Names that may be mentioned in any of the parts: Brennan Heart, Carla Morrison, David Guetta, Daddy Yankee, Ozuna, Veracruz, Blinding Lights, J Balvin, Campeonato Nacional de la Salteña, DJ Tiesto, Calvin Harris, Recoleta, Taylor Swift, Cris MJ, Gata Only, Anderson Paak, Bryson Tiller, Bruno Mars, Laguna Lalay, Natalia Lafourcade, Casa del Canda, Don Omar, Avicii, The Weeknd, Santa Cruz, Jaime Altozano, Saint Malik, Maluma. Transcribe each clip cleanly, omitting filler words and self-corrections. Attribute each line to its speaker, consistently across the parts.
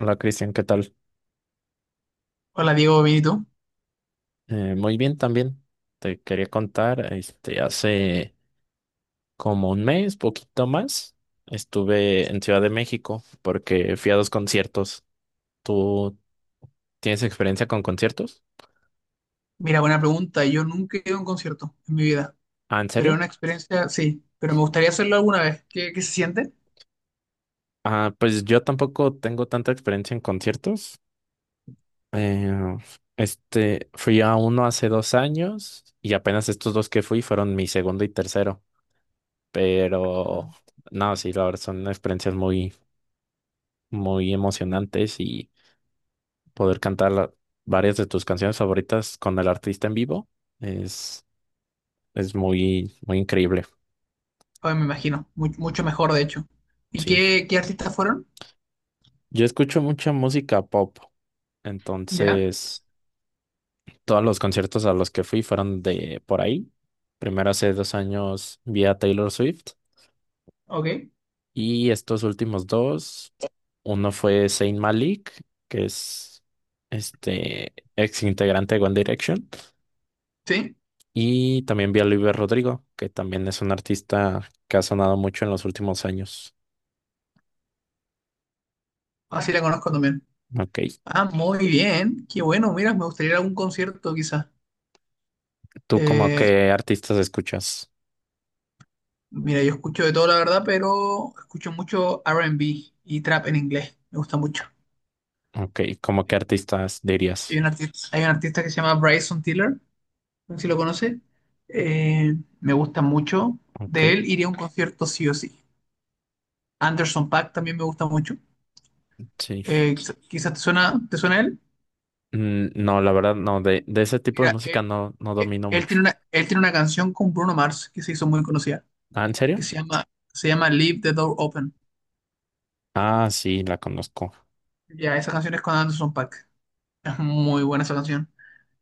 Speaker 1: Hola Cristian, ¿qué tal?
Speaker 2: Hola Diego, bien, ¿y tú?
Speaker 1: Muy bien también. Te quería contar, este, hace como un mes, poquito más, estuve en Ciudad de México porque fui a dos conciertos. ¿Tú tienes experiencia con conciertos?
Speaker 2: Mira, buena pregunta. Yo nunca he ido a un concierto en mi vida,
Speaker 1: Ah, ¿en
Speaker 2: pero es
Speaker 1: serio?
Speaker 2: una experiencia sí, pero me gustaría hacerlo alguna vez. ¿Qué se siente?
Speaker 1: Ah, pues yo tampoco tengo tanta experiencia en conciertos. Eh, este, fui a uno hace 2 años y apenas estos dos que fui fueron mi segundo y tercero. Pero no, sí, la verdad son experiencias muy, muy emocionantes y poder cantar varias de tus canciones favoritas con el artista en vivo es, es muy, muy increíble.
Speaker 2: Pues me imagino, mucho mejor de hecho. ¿Y
Speaker 1: Sí.
Speaker 2: qué artistas fueron?
Speaker 1: Yo escucho mucha música pop,
Speaker 2: ¿Ya?
Speaker 1: entonces todos los conciertos a los que fui fueron de por ahí. Primero hace 2 años vi a Taylor Swift
Speaker 2: Ok,
Speaker 1: y estos últimos dos, uno fue Saint Malik, que es este ex integrante de One Direction.
Speaker 2: sí,
Speaker 1: Y también vi a Luis Rodrigo, que también es un artista que ha sonado mucho en los últimos años.
Speaker 2: así la conozco también.
Speaker 1: Ok.
Speaker 2: Ah, muy bien, qué bueno, mira, me gustaría ir a algún concierto quizás.
Speaker 1: ¿Tú como
Speaker 2: Eh,
Speaker 1: qué artistas escuchas?
Speaker 2: Mira, yo escucho de todo la verdad, pero escucho mucho R&B y trap en inglés, me gusta mucho.
Speaker 1: Ok. ¿Cómo qué artistas
Speaker 2: Hay
Speaker 1: dirías?
Speaker 2: un artista, hay un artista que se llama Bryson Tiller, no sé si lo conoce. Eh, Me gusta mucho. De
Speaker 1: Ok.
Speaker 2: él iría a un concierto sí o sí. Anderson Paak también me gusta mucho.
Speaker 1: Sí.
Speaker 2: Quizás ¿te suena él?
Speaker 1: No, la verdad, no. De ese tipo de
Speaker 2: Mira,
Speaker 1: música
Speaker 2: él,
Speaker 1: no, no
Speaker 2: eh,
Speaker 1: domino
Speaker 2: él
Speaker 1: mucho.
Speaker 2: tiene una canción con Bruno Mars que se hizo muy conocida,
Speaker 1: Ah, ¿en serio?
Speaker 2: que se llama Leave the Door Open.
Speaker 1: Ah, sí, la conozco.
Speaker 2: Ya, esa canción es con Anderson Paak. Es muy buena esa canción.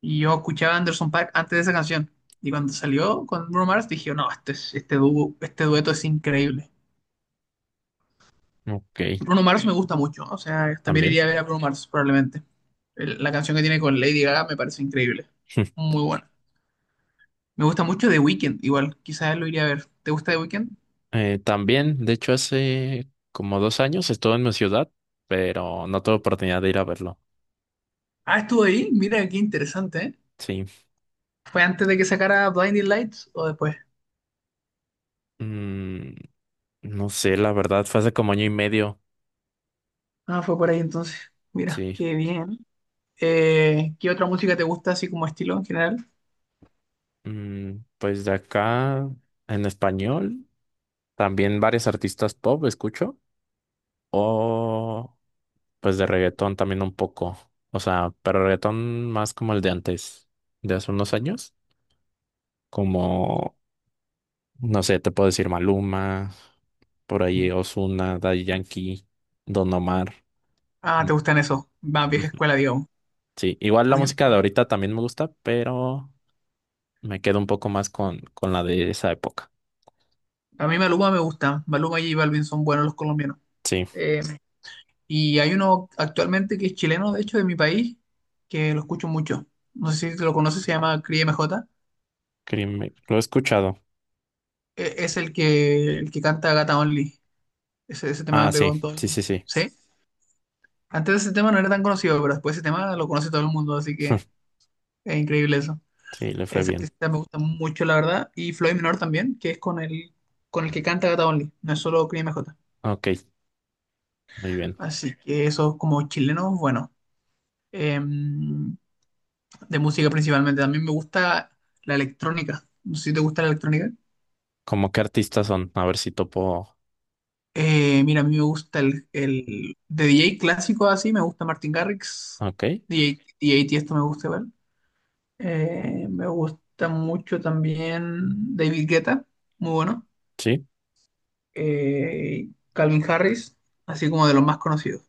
Speaker 2: Y yo escuchaba a Anderson Paak antes de esa canción. Y cuando salió con Bruno Mars dije, no, este dueto es increíble.
Speaker 1: Ok.
Speaker 2: Bruno Mars me gusta mucho, o sea, también
Speaker 1: También.
Speaker 2: iría a ver a Bruno Mars probablemente. La canción que tiene con Lady Gaga me parece increíble, muy buena. Me gusta mucho The Weeknd, igual, quizás lo iría a ver. ¿Te gusta The Weeknd?
Speaker 1: También, de hecho, hace como 2 años estuve en mi ciudad, pero no tuve oportunidad de ir a verlo.
Speaker 2: Ah, estuvo ahí, mira qué interesante, ¿eh?
Speaker 1: Sí.
Speaker 2: ¿Fue antes de que sacara Blinding Lights o después?
Speaker 1: Mm, No sé, la verdad, fue hace como año y medio.
Speaker 2: Ah, fue por ahí entonces, mira,
Speaker 1: Sí.
Speaker 2: qué bien. ¿Qué otra música te gusta así como estilo en general?
Speaker 1: Pues de acá, en español, también varios artistas pop escucho. O pues de reggaetón también un poco. O sea, pero reggaetón más como el de antes, de hace unos años. Como, no sé, te puedo decir Maluma, por ahí Ozuna, Daddy Yankee, Don Omar.
Speaker 2: Ah,
Speaker 1: Mm,
Speaker 2: te gustan esos, más vieja
Speaker 1: ujú.
Speaker 2: escuela, digamos.
Speaker 1: Sí, igual
Speaker 2: A
Speaker 1: la
Speaker 2: mí,
Speaker 1: música
Speaker 2: a
Speaker 1: de
Speaker 2: mí,
Speaker 1: ahorita también me gusta, pero me quedo un poco más con la de esa época.
Speaker 2: a mí Maluma me gusta, Maluma y J Balvin son buenos los colombianos.
Speaker 1: Sí,
Speaker 2: Eh, Y hay uno actualmente que es chileno, de hecho, de mi país, que lo escucho mucho. No sé si lo conoces, se llama Cris MJ.
Speaker 1: crimen. Lo he escuchado.
Speaker 2: Es el que canta Gata Only. Ese
Speaker 1: Ah,
Speaker 2: tema pegó
Speaker 1: sí,
Speaker 2: en todo el
Speaker 1: sí,
Speaker 2: mundo.
Speaker 1: sí, sí.
Speaker 2: ¿Sí? Antes de ese tema no era tan conocido, pero después de ese tema lo conoce todo el mundo, así que es increíble eso.
Speaker 1: Sí, le fue
Speaker 2: Esa
Speaker 1: bien.
Speaker 2: artista me gusta mucho, la verdad. Y Floyd Menor también, que es con el que canta Gata Only, no es solo Cris MJ.
Speaker 1: Ok, muy bien.
Speaker 2: Así que eso como chilenos, bueno. Eh, de música principalmente. También me gusta la electrónica. No sé si te gusta la electrónica.
Speaker 1: ¿Cómo qué artistas son? A ver si topo.
Speaker 2: Mira, a mí me gusta de DJ clásico así, me gusta Martin Garrix,
Speaker 1: Ok,
Speaker 2: DJ Tiesto me gusta igual. Me gusta mucho también David Guetta, muy bueno.
Speaker 1: sí,
Speaker 2: Calvin Harris, así como de los más conocidos.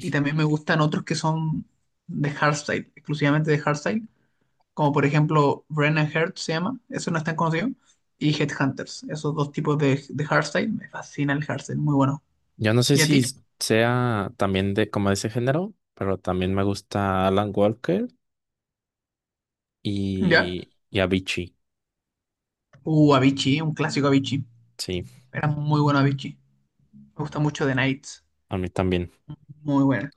Speaker 2: Y también me gustan otros que son de hardstyle, exclusivamente de hardstyle, como por ejemplo Brennan Heart se llama, eso no es tan conocido, y Headhunters, esos dos tipos de hardstyle, me fascina el hardstyle, muy bueno.
Speaker 1: Yo no sé
Speaker 2: ¿Y a
Speaker 1: si
Speaker 2: ti?
Speaker 1: sea también de como de ese género, pero también me gusta Alan Walker
Speaker 2: ¿Ya?
Speaker 1: y Avicii.
Speaker 2: Avicii, un clásico Avicii,
Speaker 1: Sí,
Speaker 2: era muy bueno Avicii, me gusta mucho The Nights,
Speaker 1: a mí también.
Speaker 2: muy bueno.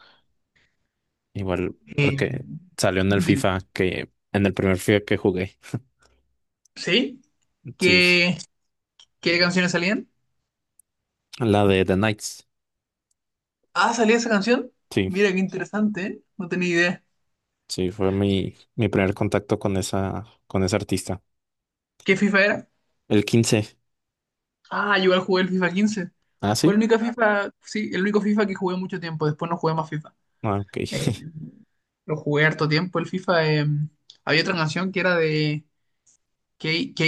Speaker 1: Igual,
Speaker 2: Eh,
Speaker 1: porque salió
Speaker 2: di-
Speaker 1: en el primer FIFA que jugué.
Speaker 2: ¿Sí?
Speaker 1: Sí,
Speaker 2: ¿Qué, qué canciones salían?
Speaker 1: la de The Knights.
Speaker 2: Ah, salía esa canción,
Speaker 1: Sí.
Speaker 2: mira qué interesante, ¿eh? No tenía idea.
Speaker 1: Sí, fue mi primer contacto con con ese artista.
Speaker 2: ¿Qué FIFA era?
Speaker 1: El 15.
Speaker 2: Ah, yo igual jugué el FIFA 15.
Speaker 1: ¿Ah,
Speaker 2: Fue el
Speaker 1: sí?
Speaker 2: único FIFA, sí, el único FIFA que jugué mucho tiempo, después no jugué más FIFA.
Speaker 1: Ah, ok,
Speaker 2: Lo jugué harto tiempo el FIFA. Había otra canción que era de K, K,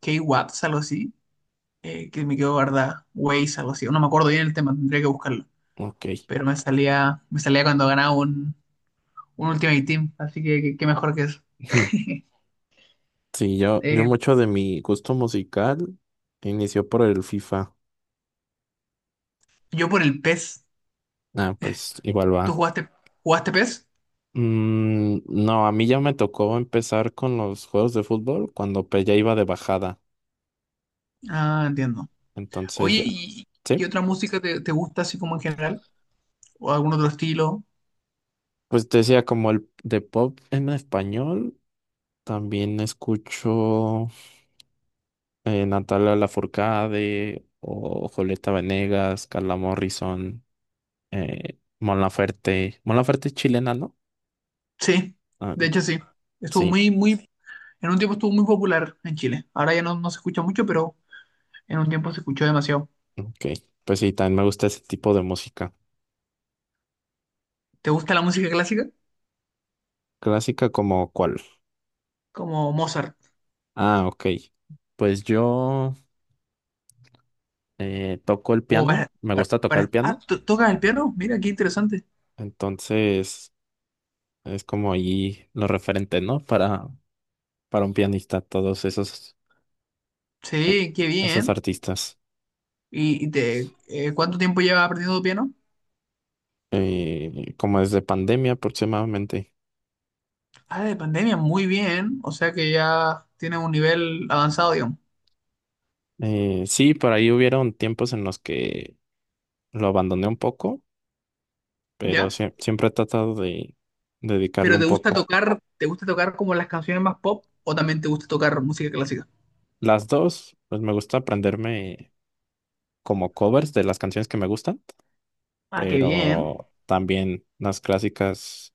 Speaker 2: K-Watts, algo así, que me quedó guardada. Waze, algo así. No me acuerdo bien el tema, tendría que buscarlo.
Speaker 1: ok.
Speaker 2: Pero me salía cuando ganaba un Ultimate Team, así qué mejor que eso.
Speaker 1: Ujú. Sí, yo
Speaker 2: Eh,
Speaker 1: mucho de mi gusto musical inició por el FIFA.
Speaker 2: yo por el PES.
Speaker 1: Ah, pues igual
Speaker 2: ¿Tú
Speaker 1: va.
Speaker 2: jugaste, jugaste PES?
Speaker 1: No, a mí ya me tocó empezar con los juegos de fútbol cuando pues, ya iba de bajada.
Speaker 2: Ah, entiendo.
Speaker 1: Entonces
Speaker 2: Oye,
Speaker 1: ya,
Speaker 2: ¿y qué
Speaker 1: sí.
Speaker 2: otra música te gusta así como en general? ¿O algún otro estilo?
Speaker 1: Pues te decía como el de pop en español, también escucho. Natalia Lafourcade o Julieta Venegas, Carla Morrison, Mon Laferte. Mon Laferte es chilena, ¿no?
Speaker 2: Sí,
Speaker 1: Ah,
Speaker 2: de hecho sí. Estuvo
Speaker 1: sí,
Speaker 2: muy, muy En un tiempo estuvo muy popular en Chile. Ahora ya no, no se escucha mucho, pero en un tiempo se escuchó demasiado.
Speaker 1: ok. Pues sí, también me gusta ese tipo de música.
Speaker 2: ¿Te gusta la música clásica?
Speaker 1: Clásica como cuál.
Speaker 2: Como Mozart.
Speaker 1: Ah, ok. Pues yo toco el
Speaker 2: O
Speaker 1: piano, me gusta tocar el
Speaker 2: para- Ah,
Speaker 1: piano,
Speaker 2: ¿tocas el piano? Mira, qué interesante.
Speaker 1: entonces es como ahí lo referente, ¿no? Para un pianista, todos esos,
Speaker 2: Sí, qué
Speaker 1: esos
Speaker 2: bien.
Speaker 1: artistas.
Speaker 2: ¿Y cuánto tiempo llevas aprendiendo piano?
Speaker 1: Como desde pandemia aproximadamente.
Speaker 2: Ah, de pandemia, muy bien. O sea que ya tienes un nivel avanzado, digamos.
Speaker 1: Sí, por ahí hubieron tiempos en los que lo abandoné un poco, pero
Speaker 2: ¿Ya?
Speaker 1: siempre he tratado de dedicarlo
Speaker 2: ¿Pero te
Speaker 1: un
Speaker 2: gusta
Speaker 1: poco.
Speaker 2: tocar, te gusta tocar como las canciones más pop o también te gusta tocar música clásica?
Speaker 1: Las dos, pues me gusta aprenderme como covers de las canciones que me gustan,
Speaker 2: Ah, qué bien.
Speaker 1: pero también las clásicas,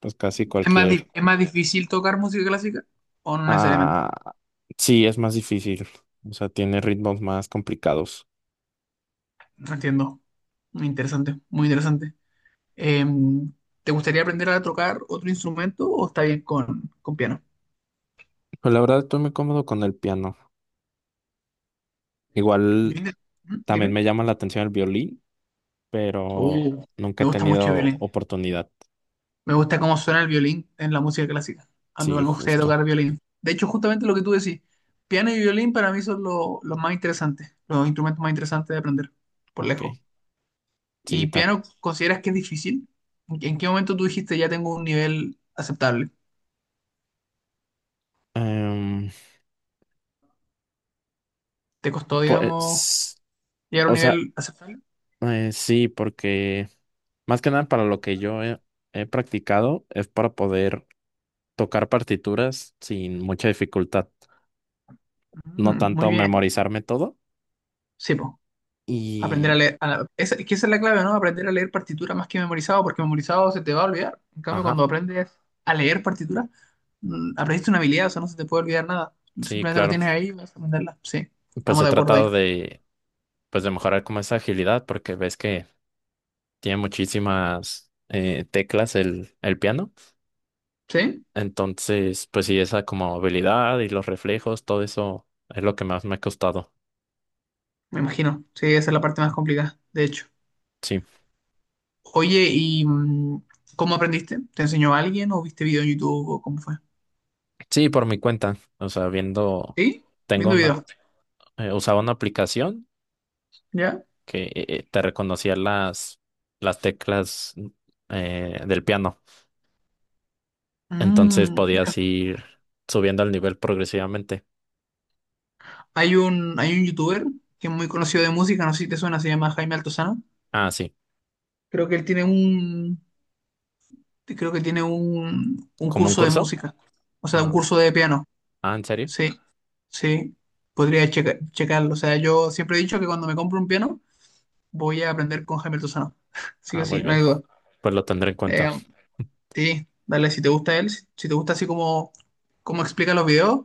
Speaker 1: pues casi
Speaker 2: ¿Es más, di-
Speaker 1: cualquier.
Speaker 2: es más difícil tocar música clásica o no necesariamente?
Speaker 1: Ah, sí, es más difícil, o sea, tiene ritmos más complicados.
Speaker 2: Entiendo. Muy interesante, muy interesante. Em, ¿te gustaría aprender a tocar otro instrumento o está bien con, piano?
Speaker 1: Pero la verdad estoy muy cómodo con el piano.
Speaker 2: Yo
Speaker 1: Igual
Speaker 2: inte- ¿Mm?
Speaker 1: también
Speaker 2: Dime.
Speaker 1: me llama la atención el violín pero
Speaker 2: Uh,
Speaker 1: nunca
Speaker 2: Me
Speaker 1: he
Speaker 2: gusta mucho el
Speaker 1: tenido
Speaker 2: violín.
Speaker 1: oportunidad.
Speaker 2: Me gusta cómo suena el violín en la música clásica. A mí
Speaker 1: Sí,
Speaker 2: igual me gustaría
Speaker 1: justo.
Speaker 2: tocar violín. De hecho, justamente lo que tú decís, piano y violín para mí son los más interesantes, los instrumentos más interesantes de aprender, por
Speaker 1: Ok,
Speaker 2: lejos.
Speaker 1: sí,
Speaker 2: ¿Y piano consideras que es difícil? ¿En qué momento tú dijiste ya tengo un nivel aceptable?
Speaker 1: em,
Speaker 2: ¿Te costó, digamos,
Speaker 1: pues,
Speaker 2: llegar a un
Speaker 1: o sea,
Speaker 2: nivel aceptable?
Speaker 1: sí, porque más que nada para lo que yo he practicado es para poder tocar partituras sin mucha dificultad, no
Speaker 2: Mm, muy
Speaker 1: tanto
Speaker 2: bien.
Speaker 1: memorizarme todo
Speaker 2: Sí, pues. Aprender a
Speaker 1: y,
Speaker 2: leer. Es que esa es la clave, ¿no? Aprender a leer partitura más que memorizado, porque memorizado se te va a olvidar. En cambio, cuando
Speaker 1: ajá,
Speaker 2: aprendes a leer partitura, aprendiste una habilidad, o sea, no se te puede olvidar nada.
Speaker 1: sí,
Speaker 2: Simplemente lo
Speaker 1: claro.
Speaker 2: tienes ahí y vas a aprenderla. Sí,
Speaker 1: Pues
Speaker 2: estamos
Speaker 1: he
Speaker 2: de acuerdo ahí.
Speaker 1: tratado de mejorar como esa agilidad porque ves que tiene muchísimas teclas el piano.
Speaker 2: ¿Sí?
Speaker 1: Entonces, pues sí, esa como habilidad y los reflejos, todo eso es lo que más me ha costado.
Speaker 2: Me imagino. Sí, esa es la parte más complicada, de hecho.
Speaker 1: Sí,
Speaker 2: Oye, ¿y cómo aprendiste? ¿Te enseñó alguien o viste video en YouTube o cómo fue?
Speaker 1: sí, por mi cuenta. O sea, viendo,
Speaker 2: ¿Sí?
Speaker 1: tengo
Speaker 2: Viendo video.
Speaker 1: una, usaba una aplicación
Speaker 2: ¿Ya?
Speaker 1: que te reconocía las teclas del piano. Entonces
Speaker 2: Mm, mira.
Speaker 1: podías ir subiendo el nivel progresivamente.
Speaker 2: Hay un youtuber que es muy conocido de música, no sé si te suena, se llama Jaime Altozano.
Speaker 1: Ah, sí,
Speaker 2: Creo que él tiene un, creo que tiene un
Speaker 1: como un
Speaker 2: curso de
Speaker 1: curso.
Speaker 2: música, o sea, un
Speaker 1: Ah,
Speaker 2: curso de piano.
Speaker 1: ah, ¿en serio?
Speaker 2: Sí, sí, podría checarlo. O sea, yo siempre he dicho que cuando me compro un piano voy a aprender con Jaime Altozano. Sí o
Speaker 1: Ah,
Speaker 2: sí,
Speaker 1: muy
Speaker 2: no
Speaker 1: bien.
Speaker 2: hay duda.
Speaker 1: Pues lo tendré en cuenta.
Speaker 2: Eh, sí, dale, si te gusta él, si te gusta así como explica los videos,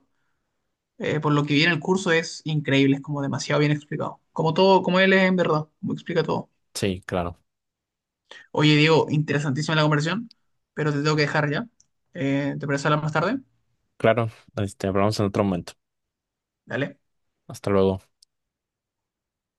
Speaker 2: por lo que viene el curso es increíble, es como demasiado bien explicado. Como todo, como él es en verdad, como explica todo.
Speaker 1: Sí, claro.
Speaker 2: Oye, Diego, interesantísima la conversación, pero te tengo que dejar ya. ¿Te parece hablar más tarde?
Speaker 1: Claro, este, hablamos en otro momento.
Speaker 2: Dale.
Speaker 1: Hasta luego.